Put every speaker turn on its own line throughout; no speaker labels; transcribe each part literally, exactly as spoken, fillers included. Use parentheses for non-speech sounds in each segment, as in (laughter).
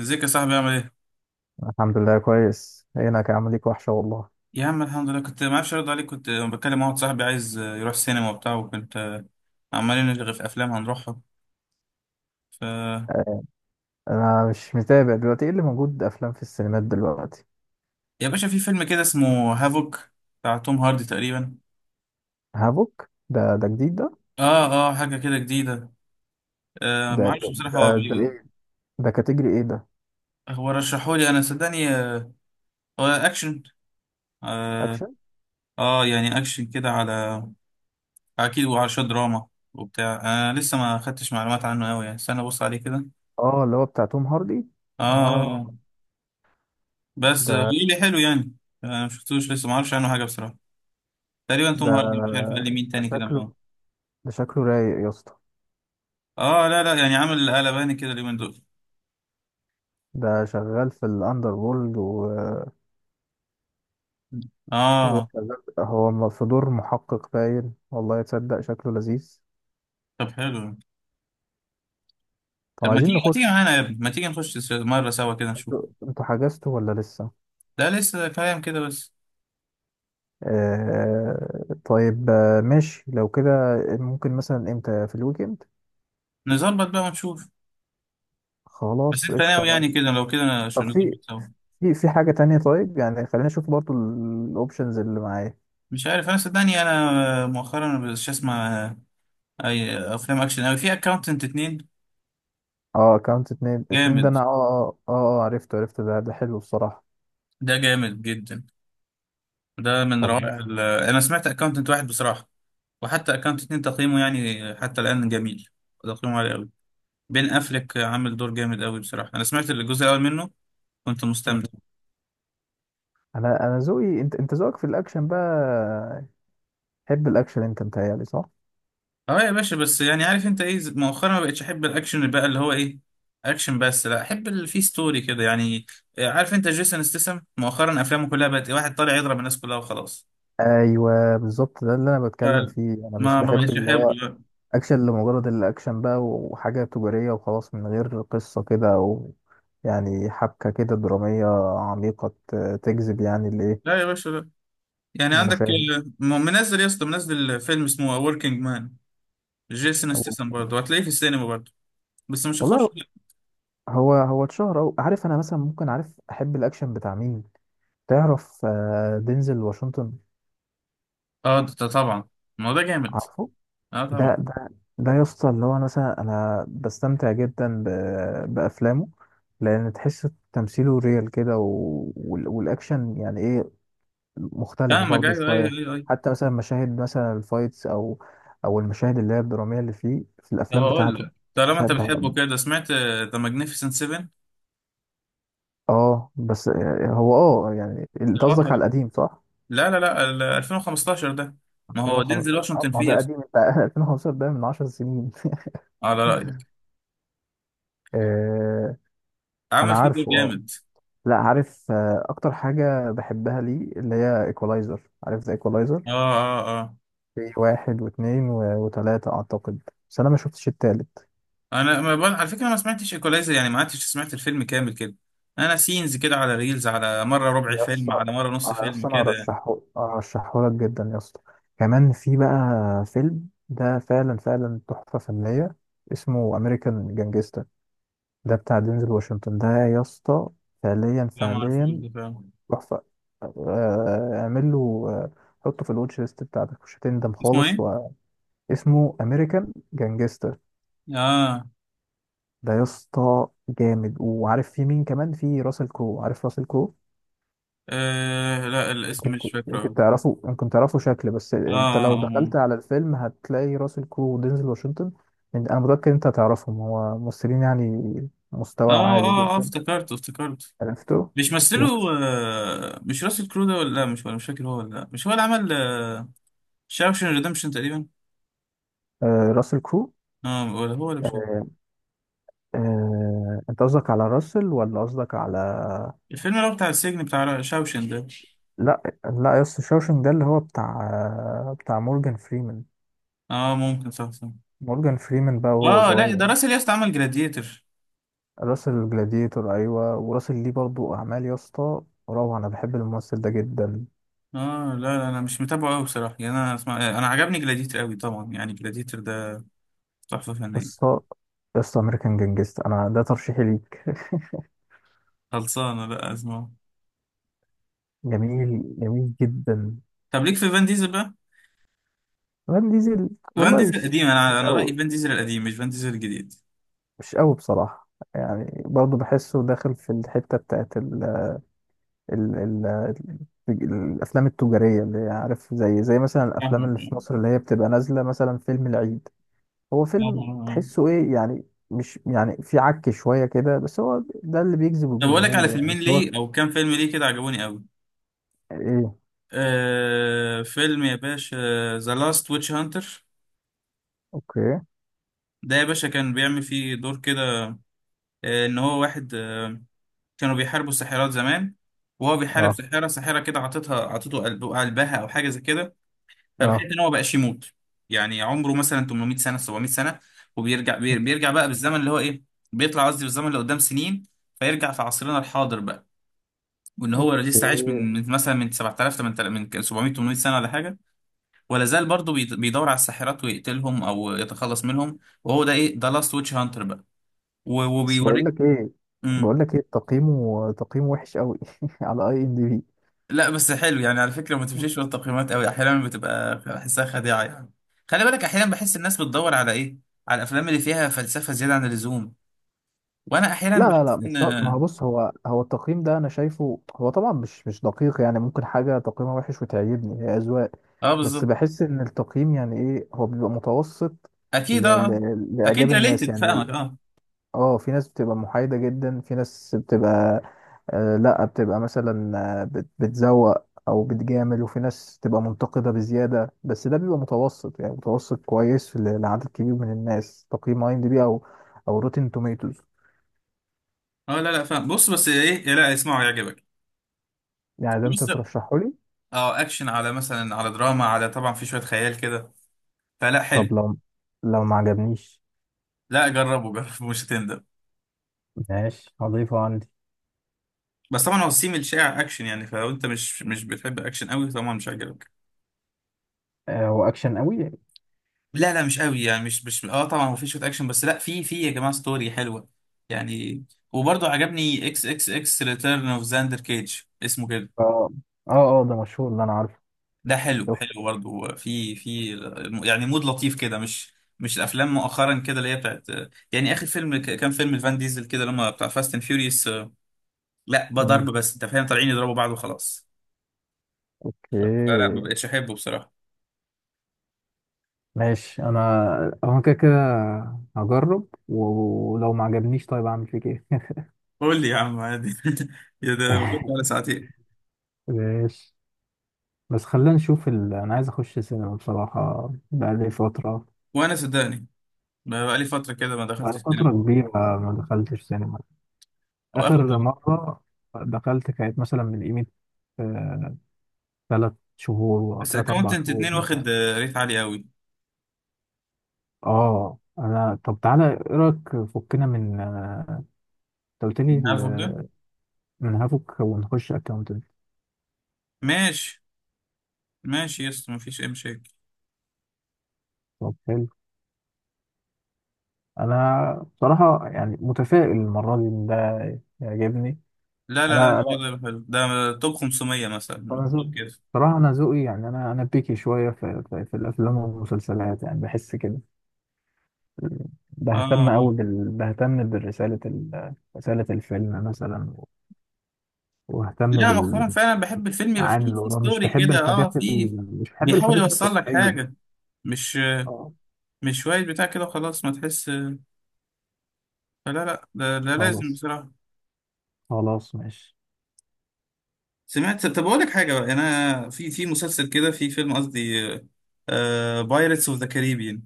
ازيك يا صاحبي؟ عامل ايه؟
الحمد لله كويس هناك عامل ليك وحشة والله.
يا عم الحمد لله، كنت ما اعرفش ارد عليك، كنت بكلم واحد صاحبي عايز يروح سينما وبتاع، وكنت عمالين نلغي في افلام هنروحها. ف
انا مش متابع دلوقتي، ايه اللي موجود افلام في السينمات دلوقتي؟
يا باشا، في فيلم كده اسمه هافوك، بتاع توم هاردي تقريبا.
هافوك ده ده جديد ده؟
اه اه حاجه كده جديده. آه،
ده
ما
إيه؟
اعرفش بصراحه، هو
ده ده
بي-
ايه؟ ده كاتيجري ايه ده؟
هو رشحه لي انا، صدقني. آه، هو اكشن. آه,
اكشن.
اه يعني اكشن كده على، اكيد وعلى شويه دراما وبتاع. انا آه، لسه ما خدتش معلومات عنه قوي، يعني استنى ابص عليه كده.
اه، اللي هو بتاع توم هاردي.
اه اه
اه
آه. بس
ده
قولي لي حلو يعني. انا مشفتوش لسه، ما اعرفش عنه حاجه بصراحه. تقريبا توم هاردي، مش عارف
ده
قال لي مين
ده
تاني كده
شكله،
معاه.
ده شكله رايق يا اسطى.
اه لا لا يعني، عامل قلباني كده اليومين دول.
ده شغال في الاندر وورلد و...
اه
وشغال هو م- في دور محقق، باين والله تصدق شكله لذيذ.
طب حلو.
طب
طب ما
عايزين
تيجي ما تيجي
نخش.
معانا يا ابني، ما تيجي نخش س- مره سوا كده نشوف.
انتوا انتوا حجزتوا ولا لسه؟
ده لسه كلام كده بس.
آه طيب، آه، ماشي لو كده. ممكن مثلا امتى؟ في الويكند.
نظبط بقى ونشوف. بس
خلاص
انت
قشطة
ناوي يعني
ماشي.
كده؟ لو كده أنا
طب
شو
في
نظبط سوا.
في في حاجة تانية، طيب يعني خلينا نشوف برضو الاوبشنز اللي معايا.
مش عارف، انا صدقني انا مؤخرا مش اسمع اي افلام اكشن اوي. في اكاونتنت اتنين،
اه، اكونت اتنين اتنين ده،
جامد،
انا اه اه اه آه، عرفته عرفته، ده ده حلو الصراحة.
ده جامد جدا. ده من
طب
روائع
ماشي.
ال- انا سمعت اكاونتنت واحد بصراحه، وحتى اكانت اتنين تقييمه يعني حتى الان جميل، تقييمه عالي قوي. بين افلك عامل دور جامد قوي بصراحه. انا سمعت الجزء الاول منه، كنت
مم.
مستمتع.
انا انا ذوقي، انت انت ذوقك في الاكشن بقى، تحب الاكشن انت، متهيألي صح؟
اه يا باشا، بس يعني عارف انت ايه، مؤخرا ما بقتش احب الاكشن بقى، اللي هو ايه، اكشن بس. لا، احب اللي فيه ستوري كده يعني. عارف انت جيسون استسم مؤخرا افلامه كلها بقت إيه، واحد طالع يضرب الناس كلها وخلاص.
ايوه بالظبط، ده اللي انا بتكلم
لا،
فيه، انا مش
ما ما
بحب
بقتش
اللي
احبه
هو
لا.
اكشن لمجرد الاكشن بقى وحاجة تجارية وخلاص من غير قصة كده، او يعني حبكة كده درامية عميقة ت- تجذب يعني الايه،
لا يا باشا لا. يعني عندك
المشاهد.
م- منزل يا اسطى، منزل فيلم اسمه وركينج مان، جيسون
أو-
استسم برضه، هتلاقيه في السينما برضه. بس مش هخش.
والله. هو هو اتشهر، أو عارف، انا مثلا ممكن، عارف احب الاكشن بتاع مين؟ تعرف آه، دينزل واشنطن؟
اه، ده ده طبعا، ما هو ده جامد.
عارفه؟
اه طبعا.
ده ده ده يا اسطى اللي هو، أنا مثلا انا بستمتع جدا ب- بافلامه، لان تحس تمثيله ريال كده و... وال- والاكشن يعني ايه، مختلفة
فاهمك.
برضه
ايوه ايوه
شوية.
ايوه ايوه.
حتى مثلا مشاهد مثلا الفايتس، أو أو المشاهد اللي هي الدرامية اللي فيه في
طب
الأفلام
اقول
بتاعته.
لك، طالما
مش
انت
عارف
بتحبه
بقى-
كده، سمعت ذا ماجنيفيسنت سبعة؟
اه بس، هو اه يعني انت
ده
قصدك على
بطل.
القديم صح؟
لا لا لا، ال ألفين وخمستاشر ده. ما هو دينزل
ألفين وخمسة عشر؟ آه،
واشنطن
ما هو
فيه يا
ده
اسطى،
قديم انت (laughs) ألفين وخمستاشر ده من 10 سنين.
على
(laughs)
رايك.
آه، انا
عمل فيه دور
عارفه اه.
جامد.
لا، عارف آه، اكتر حاجة بحبها ليه اللي هي ايكولايزر، عارف ذا ايكولايزر؟
اه اه اه
في واحد واثنين وثلاثة اعتقد، بس انا ما شفتش التالت.
انا ما بقول على فكره ما سمعتش ايكولايزر يعني ما قعدتش سمعت الفيلم كامل كده انا سينز كده على ريلز على مره ربع
يا
فيلم
اسطى،
على مره نص
انا
فيلم
اصلا انا
كده يعني
ارشحه ارشحه لك جدا يا اسطى. كمان في بقى فيلم ده، فعلا فعلا تحفه فنيه، اسمه امريكان جانجستا. ده بتاع دينزل واشنطن ده يا اسطى. فعليا
لا ما اعرفوش
فعليا
ده فعلا
تحفه. آه، اعمل له آه، حطه في الواتش ليست بتاعتك، مش هتندم
اسمه
خالص.
ايه؟
واسمه امريكان جانجستا.
اه,
ده يا اسطى جامد، وعارف في مين كمان؟ في راسل كرو، عارف راسل كرو؟
آه لا الاسم
يمكن
مش
ت-
فاكره
يمكن
أوي.
تعرفوا يمكن تعرفوا شكل، بس
اه
انت لو دخلت
اه
على الفيلم هتلاقي راسل كرو ودينزل واشنطن. إن- انا متأكد انت هتعرفهم، هو ممثلين يعني
اه
مستوى
اه
عالي
اه آه،
جدا.
افتكرته افتكرته.
عرفته.
مش مثله
يس.
آه، مش راسل كرو ده ولا لا؟ مش ولا مش فاكر هو ولا لا؟ مش هو اللي عمل شاوشن ريدمشن تقريبا؟
آه، راسل كرو.
اه ولا هو ولا مش هو.
آه آه، انت قصدك على راسل ولا قصدك على...
الفيلم اللي هو بتاع السجن، بتاع شاوشن ده.
لا لا، يس، شاوشنج ده اللي هو بتاع آه، بتاع مورجان فريمان.
اه، ممكن، صح صح.
مورجان فريمان بقى وهو
اه لا،
صغير.
ده راسل، ياست، عمل جلاديتر.
راسل الجلاديتور ايوه، وراسل ليه برضو اعمال يا اسطى، روعة، انا بحب الممثل ده جدا.
اه لا لا، انا مش متابعه قوي بصراحه يعني، انا اسمع آه، انا عجبني جلاديتر قوي طبعا، يعني جلاديتر ده تحفه فنيه.
قصة قصة أمريكان جانجست، أنا ده ترشيحي ليك (laughs)
خلصانه لا اسمعه.
جميل جميل جدا.
طب ليك في فان ديزل بقى.
فان ديزل،
فان
والله
ديزل
مش
القديم، انا
مش
انا رايي
قوي،
فان ديزل القديم مش فان ديزل الجديد.
مش قوي بصراحة. يعني برضه بحسه داخل في الحتة بتاعت ال ال ال ال الأفلام التجارية اللي هي، عارف زي زي مثلا الأفلام
فاهمك
اللي في مصر اللي هي بتبقى نازلة مثلا فيلم العيد. هو فيلم
طبعا.
تحسه إيه يعني، مش يعني في عك شوية كده، بس هو ده اللي بيجذب
طب اقول لك على
الجمهور يعني،
فيلمين
بس هو
ليه، او كام فيلم ليه كده عجبوني قوي.
إيه.
آه فيلم يا باشا، ذا لاست ويتش هانتر.
أوكي.
ده يا باشا كان بيعمل فيه دور كده، آه ان هو واحد آه، كانوا بيحاربوا الساحرات زمان، وهو بيحارب
أه
ساحره، ساحره كده عطتها عطته قلب- قلبها او حاجه زي كده،
أه
فبحيث ان هو بقاش يموت. يعني عمره مثلا تمنمية سنه، سبعمية سنه. وبيرجع بي- بيرجع بقى بالزمن اللي هو ايه، بيطلع، قصدي بالزمن اللي قدام سنين. فيرجع في عصرنا الحاضر بقى، وان هو
اوكي.
لسه عايش من من مثلا من سبعة آلاف تمنت آلاف، من سبعمائة ثمانمائة سنه ولا حاجه. ولا زال برضه بيد- بيدور على الساحرات ويقتلهم او يتخلص منهم. وهو ده ايه، ده لاست ويتش هانتر بقى. و-
بس بقول
وبيوريك.
لك ايه
امم
بقول لك ايه تقييمه تقييمه وحش قوي. (laughs) على اي ام دي بي.
لا بس حلو يعني. على فكره ما تمشيش ورا التقييمات قوي، احيانا بتبقى بحسها خديعه يعني. خلي بالك، احيانا بحس الناس بتدور على ايه؟ على الافلام اللي فيها فلسفه زياده عن اللزوم. وانا احيانا
لا لا لا،
بحس
مش شرط، ما هو
ان،
بص، هو هو التقييم ده انا شايفه، هو طبعا مش مش دقيق، يعني ممكن حاجه تقييمها وحش وتعجبني، هي اذواق.
اه
بس
بالظبط.
بحس ان التقييم يعني ايه، هو بيبقى متوسط ل...
اكيد اه.
ل... لاعجاب
اكيد
الناس
ريليتد،
يعني.
فاهمك اه.
اه، في ناس بتبقى محايدة جدا، في ناس بتبقى آه لا، بتبقى مثلا آه، بت- بتزوق او بتجامل، وفي ناس تبقى منتقدة بزيادة، بس ده بيبقى متوسط يعني، متوسط كويس ل- لعدد كبير من الناس، تقييم اي ام دي بي او او روتين توميتوز.
اه لا لا فاهم. بص بس ايه، إيه لا، اسمعوا يعجبك.
يعني ده انت
بص،
ترشحه لي؟
اه اكشن على مثلا على دراما، على طبعا في شويه خيال كده، فلا حلو.
طب لو لو ما عجبنيش؟
لا جربه، جرب مش هتندم.
ماشي، هضيفه عندي.
بس طبعا هو السيم الشائع اكشن يعني، فلو انت مش مش بتحب اكشن قوي طبعا مش هيعجبك.
آه، هو اكشن قوي؟
لا لا مش قوي يعني، مش مش اه، طبعا هو في شويه اكشن بس، لا، في في يا جماعه ستوري حلوه يعني. وبرضه عجبني اكس اكس اكس ريتيرن اوف زاندر كيج اسمه كده.
اه اه اه، ده مشهور ده انا عارفه،
ده حلو،
شفته.
حلو برضه، في في يعني مود لطيف كده، مش مش الافلام مؤخرا كده اللي هي بتاعت يعني. اخر فيلم ك- كان فيلم الفان ديزل كده، لما بتاع فاست اند فيوريوس، لا بقى
مم.
ضرب بس. انت فاهم طالعين يضربوا بعض وخلاص. فلا ما
اوكي.
بقتش احبه بصراحه.
ماشي، انا هو كده كده، هجرب و- ولو ما عجبنيش طيب اعمل فيك ايه؟
قول لي يا عم عادي. (laughs) يا ده بقيت على
(laughs)
ساعتين.
ماشي، بس خلينا نشوف ال... انا عايز اخش سينما بصراحة، بقالي فترة،
وانا صدقني ما بقى لي فتره كده ما دخلتش
بقالي
السينما.
فترة كبيرة ما دخلتش سينما.
واخد.
اخر مرة دخلت كانت مثلا من قيمة ثلاث شهور،
بس
ثلاث اربع
اكونتنت
شهور
اتنين
مثلا.
واخد آه، ريت عالي قوي.
اه، انا طب تعالى ايه رايك فكنا من آه، انت قلت لي
أنا عارفه
ال-
ده.
من هافوك ونخش اكونت.
ماشي ماشي يا اسطى، مفيش اي مشاكل.
طب حلو. انا بصراحه يعني متفائل المره دي إن ده يعجبني.
لا لا
انا
لا،
انا
ده حلو ده، توب خمسمية مثلا
انا
مكتوب
ذوقي،
كده.
بصراحه انا ذوقي يعني، انا انا بيكي شويه في, في, في الافلام والمسلسلات يعني بحس كده،
اه
بهتم
آه.
قوي بال... بهتم بالرساله، ال... رساله الفيلم مثلا، واهتم
لا مؤخرا
بالمعاني
فعلا بحب الفيلم يبقى فيه،
اللي
فيه
وراه، مش
ستوري
بحب
كده اه،
الحاجات
فيه
ال... مش بحب
بيحاول
الحاجات
يوصل لك
السطحيه.
حاجه، مش
اه
مش شوية بتاع كده وخلاص ما تحس. فلا لا ده, ده لازم
خلاص،
بصراحة.
خلاص ماشي.
سمعت، طب أقول لك حاجة بقى، أنا في في مسلسل كده، في فيلم قصدي، بايرتس اوف ذا كاريبيان.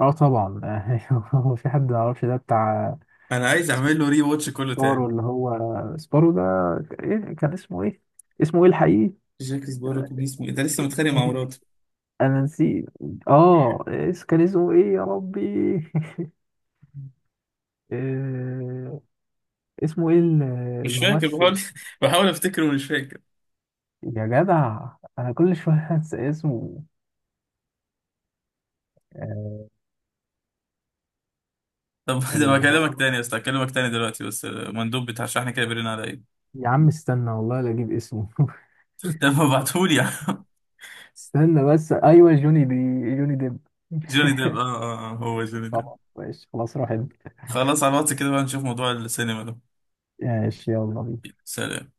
اه طبعا. (laughs) هو في حد ما يعرفش ده بتاع
أنا عايز أعمل له ري واتش كله
سبارو،
تاني.
اللي هو سبارو ده، إيه كان اسمه ايه، اسمه ايه الحقيقي؟
جاك سبارو كان اسمه إيه؟ ده لسه متخانق مع
(laughs)
مراته.
انا نسيت. اه، اس- كان اسمه ايه يا ربي؟ (laughs) آه، اسمه ايه ال-
مش فاكر،
الممثل؟
بحاول (laughs) بحاول أفتكره ومش فاكر.
يا جدع، انا كل شويه انسى اسمه، آه،
طب (laughs) ده
اللي
بكلمك
هو،
تاني يا أسطى، هكلمك تاني دلوقتي، بس المندوب بتاع الشحن كده بيرن على إيه.
يا عم استنى والله لا اجيب اسمه (laughs)
(laughs) طب ما ابعتهولي يا عم.
استنى بس، ايوه، جوني دي جوني ديب.
(laughs) جوني ديب
(laughs)
آه آه آه، هو جوني ديب.
طبعا ماشي، خلاص روح انت.
خلاص، على الواتس كده بقى نشوف موضوع السينما ده.
ماشي يلا،
سلام.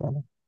بينا.